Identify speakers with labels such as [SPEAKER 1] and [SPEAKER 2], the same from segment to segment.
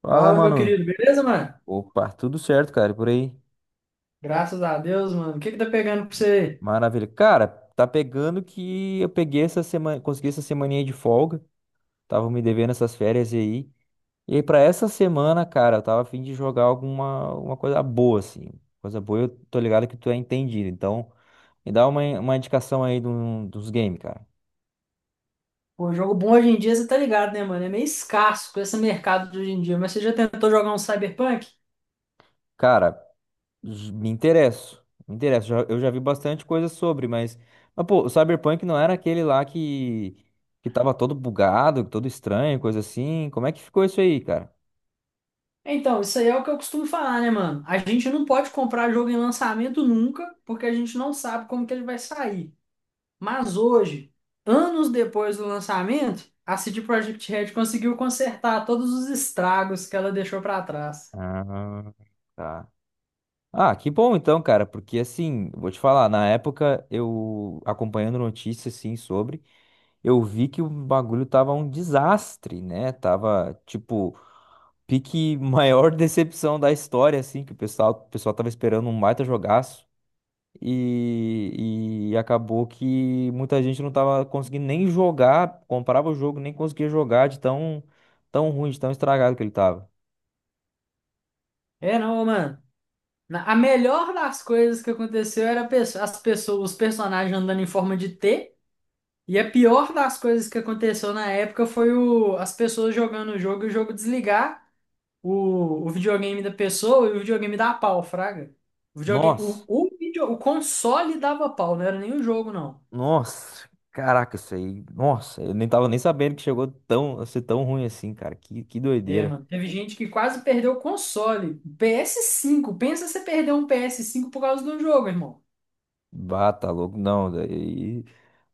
[SPEAKER 1] Fala,
[SPEAKER 2] Fala, meu
[SPEAKER 1] mano.
[SPEAKER 2] querido, beleza, mano?
[SPEAKER 1] Opa, tudo certo, cara, e por aí.
[SPEAKER 2] Graças a Deus, mano. O que que tá pegando pra você? Aí?
[SPEAKER 1] Maravilha. Cara, tá pegando que eu peguei essa semana, consegui essa semaninha de folga. Tava me devendo essas férias aí. E aí, pra essa semana, cara, eu tava a fim de jogar alguma coisa boa, assim. Coisa boa, eu tô ligado que tu é entendido. Então, me dá uma indicação aí de dos games, cara.
[SPEAKER 2] Pô, jogo bom hoje em dia, você tá ligado, né, mano? É meio escasso com esse mercado de hoje em dia, mas você já tentou jogar um Cyberpunk?
[SPEAKER 1] Cara, me interesso. Me interesso. Eu já vi bastante coisa sobre, mas pô, o Cyberpunk não era aquele lá que tava todo bugado, todo estranho, coisa assim. Como é que ficou isso aí, cara?
[SPEAKER 2] Então, isso aí é o que eu costumo falar, né, mano? A gente não pode comprar jogo em lançamento nunca, porque a gente não sabe como que ele vai sair. Mas hoje, anos depois do lançamento, a CD Projekt Red conseguiu consertar todos os estragos que ela deixou pra trás.
[SPEAKER 1] Ah, tá. Ah, que bom então, cara, porque assim, vou te falar, na época eu acompanhando notícias assim sobre, eu vi que o bagulho tava um desastre, né? Tava tipo pique maior decepção da história assim, que o pessoal tava esperando um baita jogaço. E acabou que muita gente não tava conseguindo nem jogar, comprava o jogo, nem conseguia jogar de tão, tão ruim, de tão estragado que ele tava.
[SPEAKER 2] É não, mano. A melhor das coisas que aconteceu era as pessoas, os personagens andando em forma de T. E a pior das coisas que aconteceu na época foi as pessoas jogando o jogo e o jogo desligar o videogame da pessoa e o videogame dar pau, fraga. O, videogame,
[SPEAKER 1] Nossa,
[SPEAKER 2] o, video- O console dava pau, não era nem o jogo, não.
[SPEAKER 1] nossa, caraca, isso aí, nossa, eu nem tava nem sabendo que chegou tão, a ser tão ruim assim, cara, que
[SPEAKER 2] É,
[SPEAKER 1] doideira.
[SPEAKER 2] mano, teve gente que quase perdeu o console. PS5 pensa você perder um PS5 por causa de um jogo, irmão.
[SPEAKER 1] Bah, tá louco, não, daí.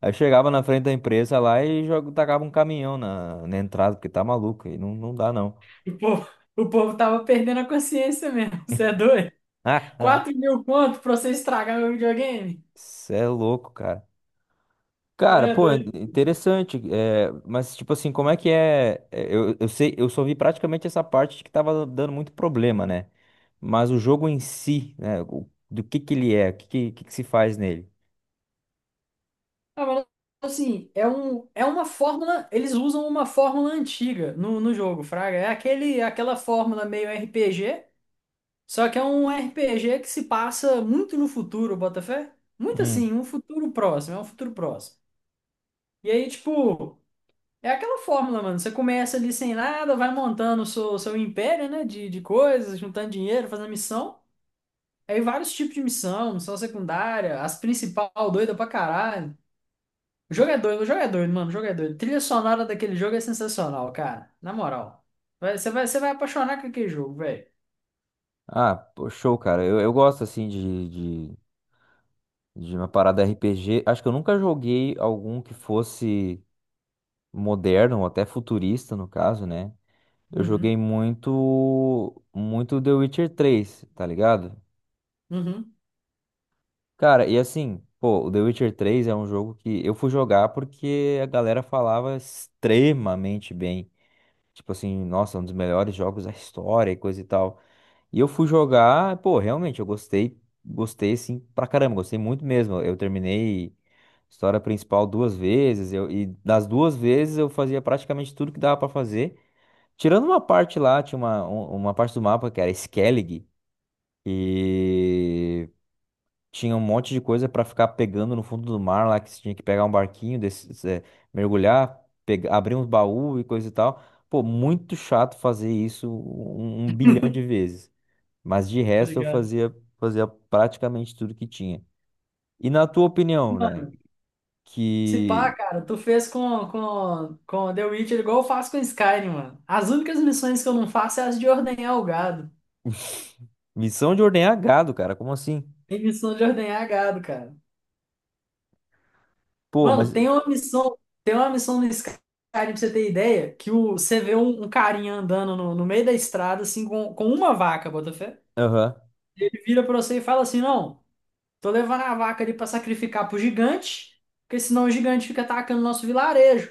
[SPEAKER 1] Aí chegava na frente da empresa lá e joga, tacava um caminhão na entrada, porque tá maluco, aí não, não dá não.
[SPEAKER 2] O povo, o povo tava perdendo a consciência mesmo, você é doido? quatro mil conto pra você estragar meu videogame?
[SPEAKER 1] Cê é louco, cara. Cara,
[SPEAKER 2] É
[SPEAKER 1] pô,
[SPEAKER 2] doido.
[SPEAKER 1] interessante. É, mas, tipo assim, como é que é? Eu sei, eu só vi praticamente essa parte de que tava dando muito problema, né? Mas o jogo em si, né? Do que ele é? O que que se faz nele?
[SPEAKER 2] Ah, mas, assim, é uma fórmula. Eles usam uma fórmula antiga no jogo, Fraga. É aquela fórmula meio RPG, só que é um RPG que se passa muito no futuro, Botafé. Muito
[SPEAKER 1] Hum.
[SPEAKER 2] assim, um futuro próximo, é um futuro próximo. E aí, tipo, é aquela fórmula, mano. Você começa ali sem nada, vai montando o seu império, né? De coisas, juntando dinheiro, fazendo missão. Aí vários tipos de missão, missão secundária, as principal, doida pra caralho. O jogo é doido, o jogo é doido, mano, o jogo é doido. Trilha sonora daquele jogo é sensacional, cara. Na moral. Você vai apaixonar com aquele jogo, velho.
[SPEAKER 1] Ah, pô, show, cara. Eu gosto, assim, de, de uma parada RPG. Acho que eu nunca joguei algum que fosse moderno, ou até futurista, no caso, né? Eu joguei
[SPEAKER 2] Uhum,
[SPEAKER 1] muito, muito The Witcher 3, tá ligado?
[SPEAKER 2] uhum.
[SPEAKER 1] Cara, e assim, pô, o The Witcher 3 é um jogo que eu fui jogar porque a galera falava extremamente bem. Tipo assim, nossa, um dos melhores jogos da história e coisa e tal. E eu fui jogar, pô, realmente, eu gostei, gostei assim pra caramba, gostei muito mesmo. Eu terminei a história principal duas vezes, e das duas vezes eu fazia praticamente tudo que dava pra fazer. Tirando uma parte lá, tinha uma parte do mapa que era Skellig, e tinha um monte de coisa pra ficar pegando no fundo do mar lá, que você tinha que pegar um barquinho, desses, mergulhar, abrir uns baús e coisa e tal. Pô, muito chato fazer isso um bilhão de vezes. Mas de
[SPEAKER 2] Tá
[SPEAKER 1] resto eu
[SPEAKER 2] ligado?
[SPEAKER 1] fazia, praticamente tudo que tinha. E na tua opinião, né?
[SPEAKER 2] Mano, se pá,
[SPEAKER 1] Que.
[SPEAKER 2] cara, tu fez com The Witcher igual eu faço com Skyrim, mano. As únicas missões que eu não faço é as de ordenhar o gado.
[SPEAKER 1] Missão de ordenhar gado, cara, como assim?
[SPEAKER 2] Tem missão de ordenhar gado, cara.
[SPEAKER 1] Pô,
[SPEAKER 2] Mano,
[SPEAKER 1] mas.
[SPEAKER 2] tem uma missão no Skyrim, pra você ter ideia, que você vê um carinha andando no meio da estrada, assim, com uma vaca, Botafé.
[SPEAKER 1] Aham,
[SPEAKER 2] Ele vira pra você e fala assim: não, tô levando a vaca ali pra sacrificar pro gigante, porque senão o gigante fica atacando o nosso vilarejo.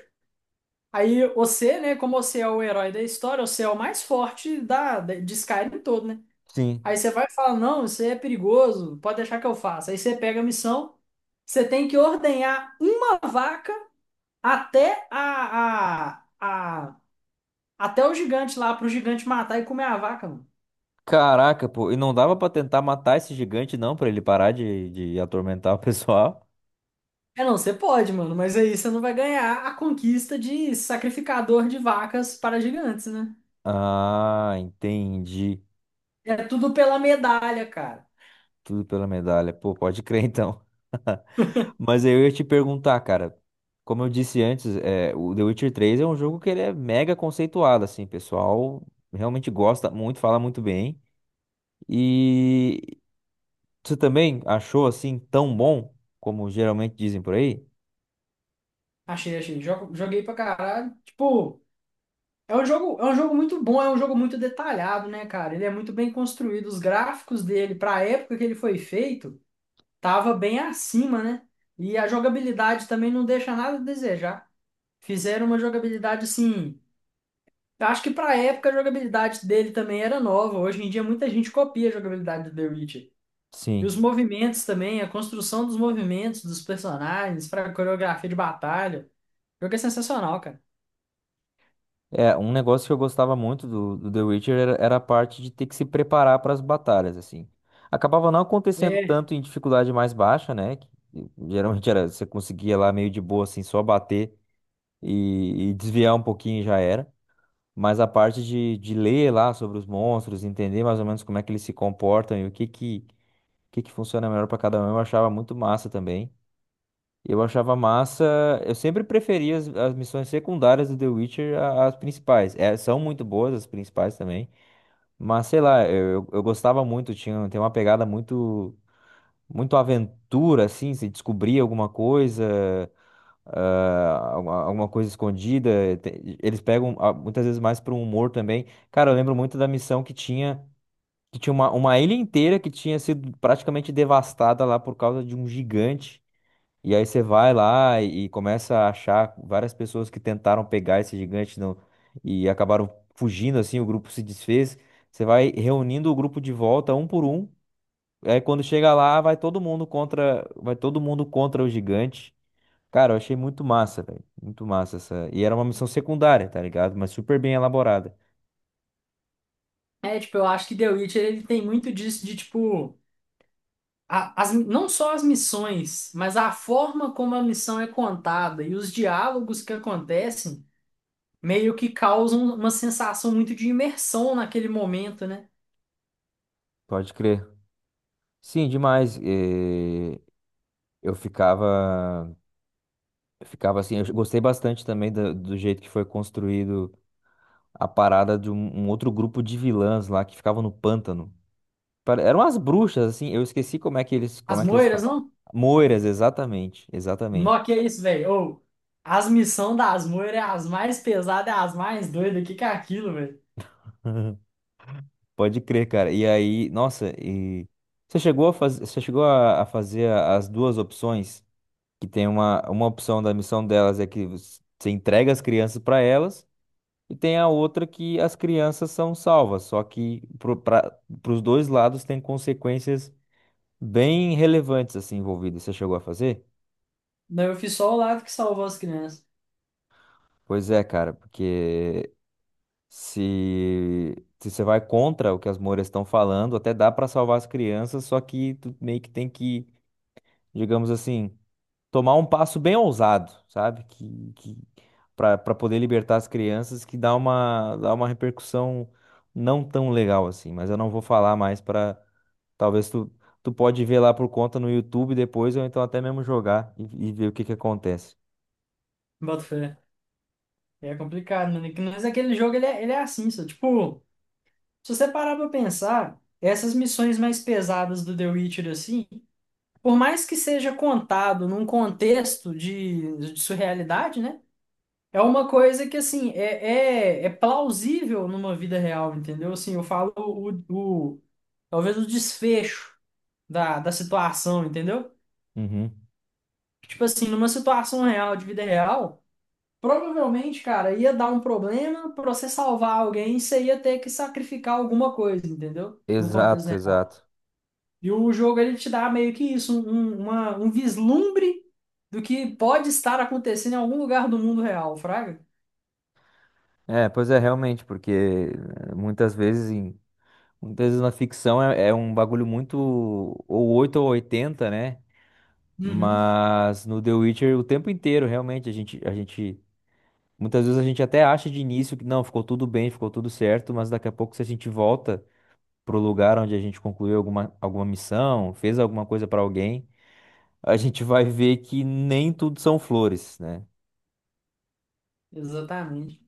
[SPEAKER 2] Aí você, né, como você é o herói da história, você é o mais forte de Skyrim todo, né?
[SPEAKER 1] sim.
[SPEAKER 2] Aí você vai e fala: não, isso aí é perigoso, pode deixar que eu faça. Aí você pega a missão, você tem que ordenhar uma vaca até a- até o gigante lá, pro gigante matar e comer a vaca, mano.
[SPEAKER 1] Caraca, pô, e não dava pra tentar matar esse gigante, não, pra ele parar de atormentar o pessoal?
[SPEAKER 2] É, não, você pode, mano, mas aí você não vai ganhar a conquista de sacrificador de vacas para gigantes, né?
[SPEAKER 1] Ah, entendi.
[SPEAKER 2] É tudo pela medalha, cara.
[SPEAKER 1] Tudo pela medalha. Pô, pode crer então. Mas eu ia te perguntar, cara. Como eu disse antes, o The Witcher 3 é um jogo que ele é mega conceituado, assim, o pessoal realmente gosta muito, fala muito bem. E você também achou assim tão bom como geralmente dizem por aí?
[SPEAKER 2] Achei, achei. Joguei pra caralho. Tipo, é um jogo muito bom, é um jogo muito detalhado, né, cara? Ele é muito bem construído. Os gráficos dele, pra época que ele foi feito, tava bem acima, né? E a jogabilidade também não deixa nada a desejar. Fizeram uma jogabilidade assim. Eu acho que pra época a jogabilidade dele também era nova. Hoje em dia muita gente copia a jogabilidade do The Witcher. E
[SPEAKER 1] Sim.
[SPEAKER 2] os movimentos também, a construção dos movimentos dos personagens, pra coreografia de batalha. O jogo é sensacional, cara.
[SPEAKER 1] É, um negócio que eu gostava muito do The Witcher era a parte de ter que se preparar para as batalhas, assim. Acabava não acontecendo
[SPEAKER 2] É.
[SPEAKER 1] tanto em dificuldade mais baixa, né? Que, geralmente era, você conseguia lá meio de boa, assim, só bater e desviar um pouquinho e já era. Mas a parte de ler lá sobre os monstros, entender mais ou menos como é que eles se comportam e que funciona melhor para cada um, eu achava muito massa também. Eu achava massa. Eu sempre preferi as missões secundárias do The Witcher às principais. É, são muito boas as principais também. Mas sei lá, eu gostava muito. Tem uma pegada muito, muito aventura, assim. Se descobrir alguma coisa, alguma coisa escondida. Eles pegam muitas vezes mais para um humor também. Cara, eu lembro muito da missão que tinha, uma ilha inteira que tinha sido praticamente devastada lá por causa de um gigante. E aí você vai lá e começa a achar várias pessoas que tentaram pegar esse gigante e acabaram fugindo, assim, o grupo se desfez. Você vai reunindo o grupo de volta um por um. Aí quando chega lá, vai todo mundo contra o gigante. Cara, eu achei muito massa, velho. Muito massa essa. E era uma missão secundária, tá ligado? Mas super bem elaborada.
[SPEAKER 2] É, tipo, eu acho que The Witcher ele tem muito disso de tipo. Não só as missões, mas a forma como a missão é contada e os diálogos que acontecem meio que causam uma sensação muito de imersão naquele momento, né?
[SPEAKER 1] Pode crer. Sim, demais. Eu ficava, eu ficava assim, eu gostei bastante também do jeito que foi construído a parada de um outro grupo de vilãs lá que ficavam no pântano. Eram as bruxas, assim, eu esqueci como
[SPEAKER 2] As
[SPEAKER 1] é que eles
[SPEAKER 2] moiras,
[SPEAKER 1] falam.
[SPEAKER 2] não?
[SPEAKER 1] Moiras, exatamente,
[SPEAKER 2] Nó
[SPEAKER 1] exatamente.
[SPEAKER 2] que é isso, velho. Ou, as missões das moiras é as mais pesadas, é as mais doidas. O que que é aquilo, velho?
[SPEAKER 1] Pode crer, cara. E aí, nossa, e você chegou a fazer as duas opções, que tem uma opção da missão delas é que você entrega as crianças para elas, e tem a outra que as crianças são salvas, só que para os dois lados tem consequências bem relevantes assim envolvidas. Você chegou a fazer?
[SPEAKER 2] Não, eu fiz só o lado que salvou as crianças.
[SPEAKER 1] Pois é, cara, porque se, se você vai contra o que as Moras estão falando, até dá para salvar as crianças, só que tu meio que tem que, digamos assim, tomar um passo bem ousado, sabe? Que para poder libertar as crianças, que dá uma repercussão não tão legal assim, mas eu não vou falar mais para talvez tu. Tu pode ver lá por conta no YouTube depois, ou então até mesmo jogar e ver o que que acontece.
[SPEAKER 2] Bota fé. É complicado, mano. Mas aquele jogo, ele é assim, só. Tipo, se você parar pra pensar, essas missões mais pesadas do The Witcher, assim, por mais que seja contado num contexto de surrealidade, né? É uma coisa que, assim, é plausível numa vida real, entendeu? Assim, eu falo talvez o desfecho da situação, entendeu?
[SPEAKER 1] Uhum.
[SPEAKER 2] Tipo assim, numa situação real, de vida real, provavelmente, cara, ia dar um problema pra você salvar alguém, você ia ter que sacrificar alguma coisa, entendeu? No contexto
[SPEAKER 1] Exato,
[SPEAKER 2] real.
[SPEAKER 1] exato.
[SPEAKER 2] E o jogo, ele te dá meio que isso, um vislumbre do que pode estar acontecendo em algum lugar do mundo real, fraga?
[SPEAKER 1] É, pois é, realmente, porque muitas vezes muitas vezes na ficção é um bagulho muito ou 8 ou 80, né?
[SPEAKER 2] Uhum,
[SPEAKER 1] Mas no The Witcher o tempo inteiro, realmente, a gente muitas vezes a gente até acha de início que não, ficou tudo bem, ficou tudo certo, mas daqui a pouco se a gente volta pro lugar onde a gente concluiu alguma missão, fez alguma coisa pra alguém, a gente vai ver que nem tudo são flores, né?
[SPEAKER 2] exatamente.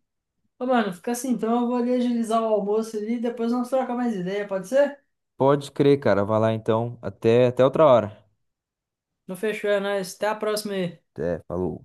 [SPEAKER 2] Ô, mano, fica assim, então eu vou ali agilizar o almoço ali, depois nós trocamos mais ideia, pode ser?
[SPEAKER 1] Pode crer, cara, vai lá então, até outra hora.
[SPEAKER 2] Não fechou, é nóis. Até a próxima aí.
[SPEAKER 1] Até, falou.